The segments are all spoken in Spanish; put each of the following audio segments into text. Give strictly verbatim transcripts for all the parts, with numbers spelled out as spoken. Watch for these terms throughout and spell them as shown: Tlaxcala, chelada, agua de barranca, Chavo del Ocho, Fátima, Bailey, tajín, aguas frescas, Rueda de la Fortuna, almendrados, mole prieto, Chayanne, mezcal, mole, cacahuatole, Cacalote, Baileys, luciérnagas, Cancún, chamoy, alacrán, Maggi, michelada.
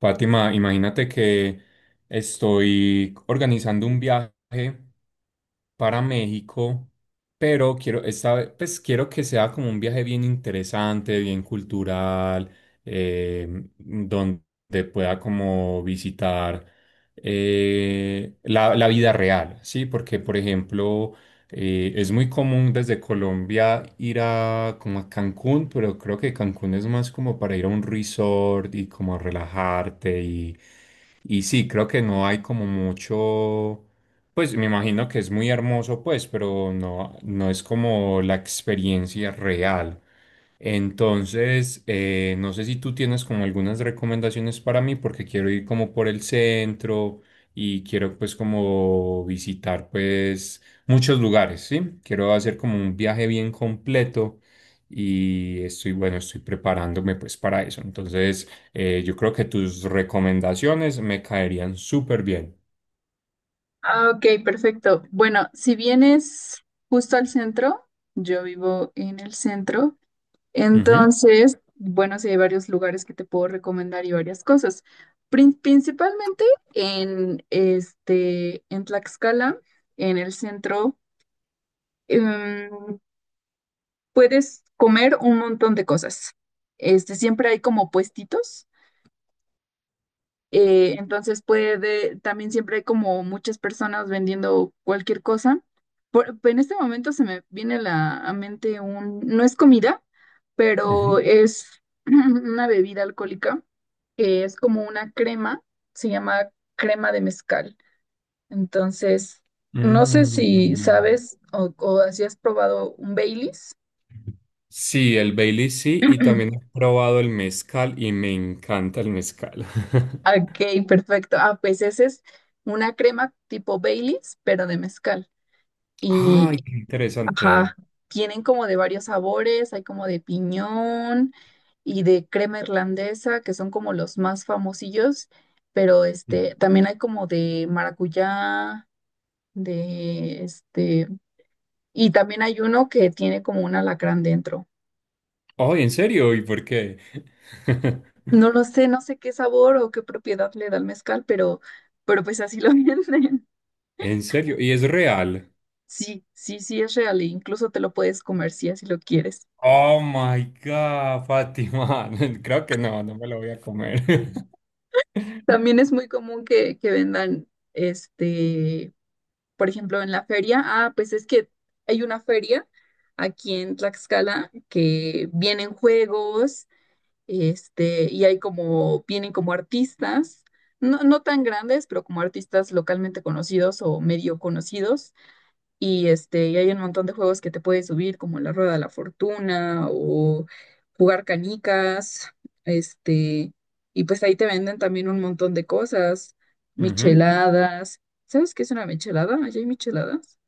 Fátima, imagínate que estoy organizando un viaje para México, pero quiero, esta ve- pues quiero que sea como un viaje bien interesante, bien cultural, eh, donde pueda como visitar, eh, la, la vida real, ¿sí? Porque, por ejemplo, eh, es muy común desde Colombia ir a como a Cancún, pero creo que Cancún es más como para ir a un resort y como relajarte y, y sí, creo que no hay como mucho, pues me imagino que es muy hermoso, pues, pero no, no es como la experiencia real. Entonces, eh, no sé si tú tienes como algunas recomendaciones para mí, porque quiero ir como por el centro y quiero pues como visitar pues muchos lugares, ¿sí? Quiero hacer como un viaje bien completo y estoy, bueno, estoy preparándome pues para eso. Entonces, eh, yo creo que tus recomendaciones me caerían súper bien. Ah, ok, perfecto. Bueno, si vienes justo al centro, yo vivo en el centro, Ujú, entonces, bueno, sí hay varios lugares que te puedo recomendar y varias cosas. Prin- principalmente en este, en Tlaxcala, en el centro, em, puedes comer un montón de cosas. Este, siempre hay como puestitos. Eh, entonces puede, también siempre hay como muchas personas vendiendo cualquier cosa. Por- en este momento se me viene a la a mente un, no es comida, pero ujú. es una bebida alcohólica que es como una crema, se llama crema de mezcal. Entonces, no sé si Mm. sabes o, o si has probado un Baileys. Sí, el Bailey sí, y también he probado el mezcal y me encanta el mezcal. Ok, perfecto. Ah, pues ese es una crema tipo Baileys, pero de mezcal. Ay, qué Ajá, interesante. tienen como de varios sabores, hay como de piñón y de crema irlandesa, que son como los más famosillos, pero este, también hay como de maracuyá, de este, y también hay uno que tiene como un alacrán dentro. Ay, ¿en serio? ¿Y por qué? No lo sé, no sé qué sabor o qué propiedad le da el mezcal, pero, pero pues así lo venden. ¿En serio? ¿Y es real? Sí, sí, sí es real, e incluso te lo puedes comer si así lo quieres. Oh my God, Fátima. Creo que no, no me lo voy a comer. También es muy común que, que vendan este por ejemplo, en la feria, ah, pues es que hay una feria aquí en Tlaxcala que vienen juegos, este, y hay como, vienen como artistas, no, no tan grandes, pero como artistas localmente conocidos o medio conocidos, y, este, y hay un montón de juegos que te puedes subir, como la Rueda de la Fortuna o jugar canicas. Este, y pues ahí te venden también un montón de cosas, Ujú. micheladas. ¿Sabes qué es una michelada? ¿Allá hay micheladas?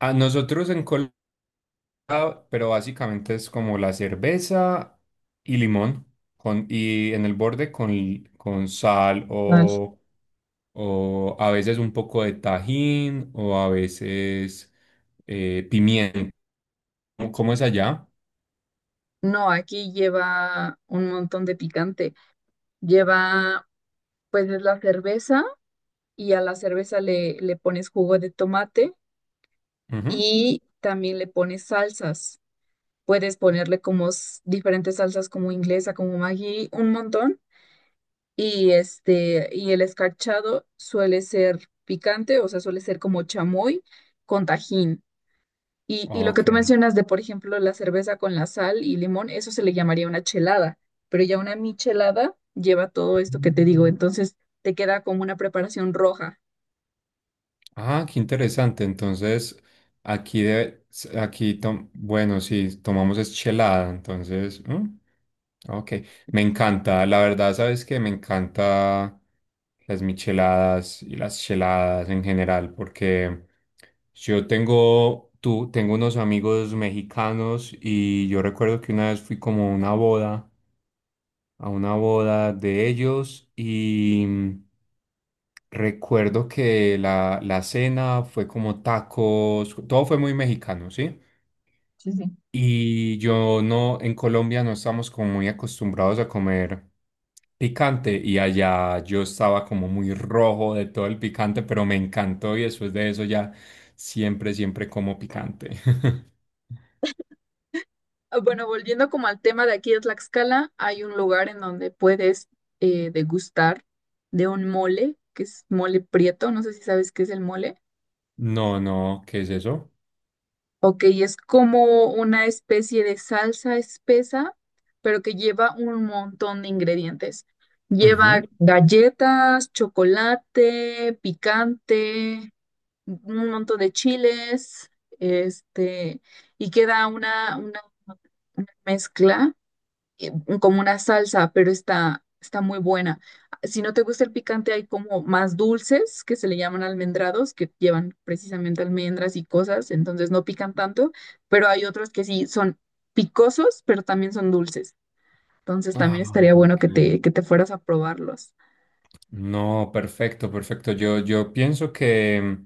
A nosotros en Colombia, pero básicamente es como la cerveza y limón, con, y en el borde con, con sal Tal. o, o a veces un poco de tajín o a veces, eh, pimiento. ¿Cómo cómo es allá? No, aquí lleva un montón de picante. Lleva, pues, es la cerveza y a la cerveza le, le pones jugo de tomate Ujú. y también le pones salsas. Puedes ponerle como s- diferentes salsas como inglesa, como Maggi, un montón. Y este, y el escarchado suele ser picante, o sea, suele ser como chamoy con tajín. Y, y lo que Ok. tú mencionas de, por ejemplo, la cerveza con la sal y limón, eso se le llamaría una chelada, pero ya una michelada lleva todo esto que te digo, Mm. entonces te queda como una preparación roja. Ah, qué interesante. Entonces, aquí, de, aquí tom- bueno, sí, tomamos es chelada, entonces, ¿mm? Ok, me encanta, la verdad, sabes que me encanta las micheladas y las cheladas en general, porque yo tengo, tú, tengo unos amigos mexicanos y yo recuerdo que una vez fui como a una boda, a una boda de ellos y mm, recuerdo que la, la cena fue como tacos, todo fue muy mexicano, ¿sí? Sí, sí. Y yo no, en Colombia no estamos como muy acostumbrados a comer picante y allá yo estaba como muy rojo de todo el picante, pero me encantó y después de eso ya siempre, siempre como picante. Ah, bueno, volviendo como al tema de aquí de Tlaxcala, hay un lugar en donde puedes eh, degustar de un mole, que es mole prieto, no sé si sabes qué es el mole. No, no, ¿qué es eso? Ok, es como una especie de salsa espesa, pero que lleva un montón de ingredientes. Lleva Ujú. galletas, chocolate, picante, un montón de chiles, este, y queda una, una una mezcla, eh, como una salsa, pero está, está muy buena. Si no te gusta el picante, hay como más dulces que se le llaman almendrados, que llevan precisamente almendras y cosas, entonces no pican tanto, pero hay otros que sí son picosos, pero también son dulces. Entonces Ah, también estaría bueno ok. que te, que te fueras a probarlos. No, perfecto, perfecto. Yo, yo pienso que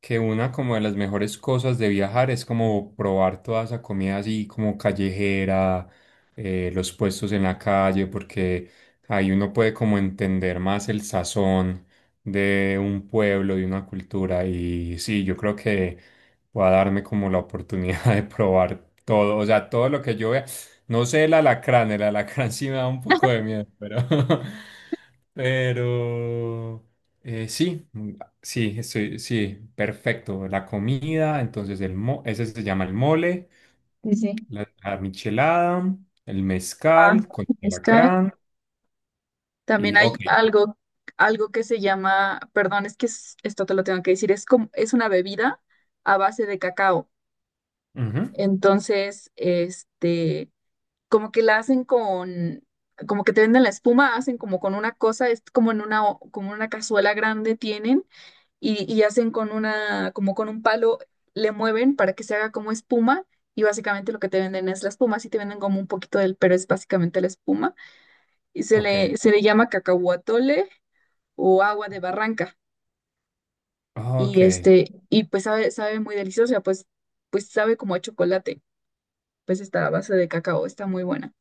que una como de las mejores cosas de viajar es como probar toda esa comida así como callejera, eh, los puestos en la calle, porque ahí uno puede como entender más el sazón de un pueblo, de una cultura. Y sí, yo creo que voy a darme como la oportunidad de probar todo, o sea, todo lo que yo vea. No sé el alacrán, el alacrán sí me da un poco de miedo, pero... Pero... Eh, sí, mm, sí, estoy, sí, perfecto. La comida, entonces el mo- ese se llama el mole, Sí, sí. la, la michelada, el Ah, mezcal con el mezcal. alacrán También y hay ok. algo, algo que se llama, perdón, es que es- esto te lo tengo que decir, es como, es una bebida a base de cacao. Ujú, Entonces, este, como que la hacen con, como que te venden la espuma, hacen como con una cosa, es como en una, o- como una cazuela grande tienen y, y hacen con una, como con un palo, le mueven para que se haga como espuma y básicamente lo que te venden es la espuma, sí te venden como un poquito del, pero es básicamente la espuma y se ok, le, se le llama cacahuatole o agua de barranca ok, y este, y pues sabe, sabe muy deliciosa, pues, pues sabe como a chocolate, pues esta base de cacao, está muy buena.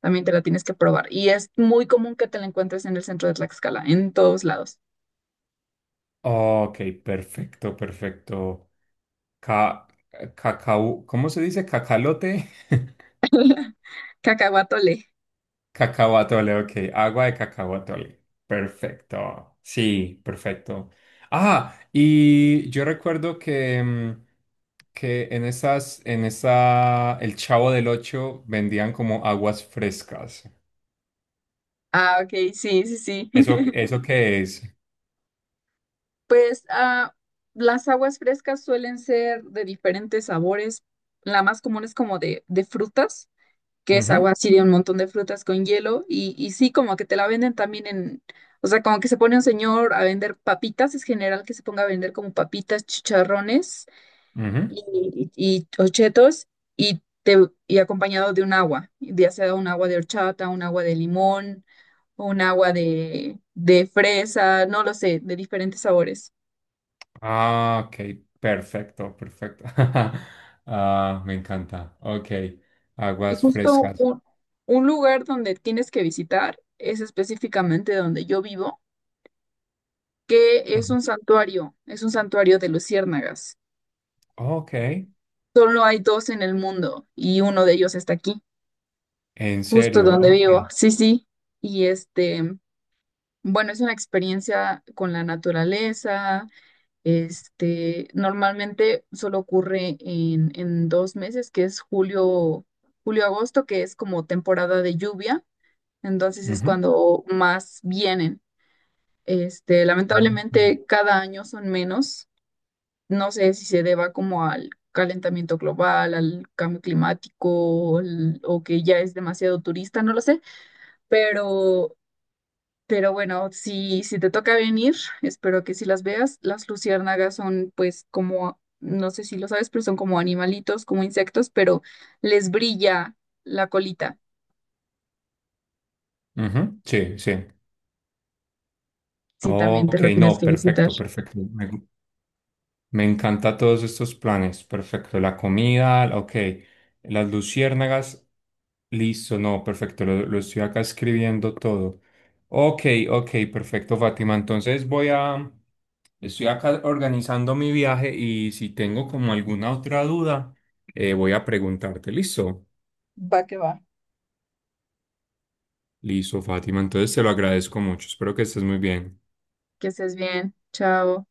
También te la tienes que probar. Y es muy común que te la encuentres en el centro de Tlaxcala, en todos lados. ok, perfecto, perfecto. Ca- eh, cacao, ¿cómo se dice? Cacalote. Cacahuatole. Cacao atole, ok. Agua de cacao atole. Perfecto. Sí, perfecto. Ah, y yo recuerdo que, mm, que en esas, en esa, el Chavo del Ocho vendían como aguas frescas. Ah, ok, sí, sí, sí. ¿Eso, eso qué es? Pues ah, las aguas frescas suelen ser de diferentes sabores. La más común es como de, de frutas, que es Ujú, agua así de un montón de frutas con hielo. Y, y sí, como que te la venden también en, o sea, como que se pone un señor a vender papitas, es general que se ponga a vender como papitas, chicharrones ujú. y, y ochetos y, te, y acompañado de un agua, ya sea un agua de horchata, un agua de limón, un agua de, de fresa, no lo sé, de diferentes sabores. Ah, ok. Perfecto, perfecto. Ah, me encanta. Ok. Y Aguas justo frescas. un, un lugar donde tienes que visitar es específicamente donde yo vivo, que es Ujú. un santuario, es un santuario de luciérnagas. Ok. Solo hay dos en el mundo y uno de ellos está aquí, ¿En justo serio? donde Ok. vivo. Sí, sí. Y este, Bueno, es una experiencia con la naturaleza. Este, normalmente solo ocurre en, en dos meses, que es julio, julio-agosto, que es como temporada de lluvia. Entonces es Ujú. cuando más vienen. Este, lamentablemente Ok. cada año son menos. No sé si se deba como al calentamiento global, al cambio climático, o al- o que ya es demasiado turista, no lo sé, pero pero bueno, si, si te toca venir, espero que sí las veas. Las luciérnagas son pues como, no sé si lo sabes, pero son como animalitos, como insectos, pero les brilla la colita. Ujú, sí, sí. Sí, también te Ok, lo tienes no, que visitar. perfecto, perfecto. Me, me encanta todos estos planes. Perfecto. La comida, la- ok. Las luciérnagas, listo, no, perfecto. Lo, lo estoy acá escribiendo todo. Ok, ok, perfecto, Fátima. Entonces voy a, estoy acá organizando mi viaje y si tengo como alguna otra duda, eh, voy a preguntarte. Listo, Va que va. listo, Fátima. Entonces te lo agradezco mucho. Espero que estés muy bien. Que estés bien. Chao.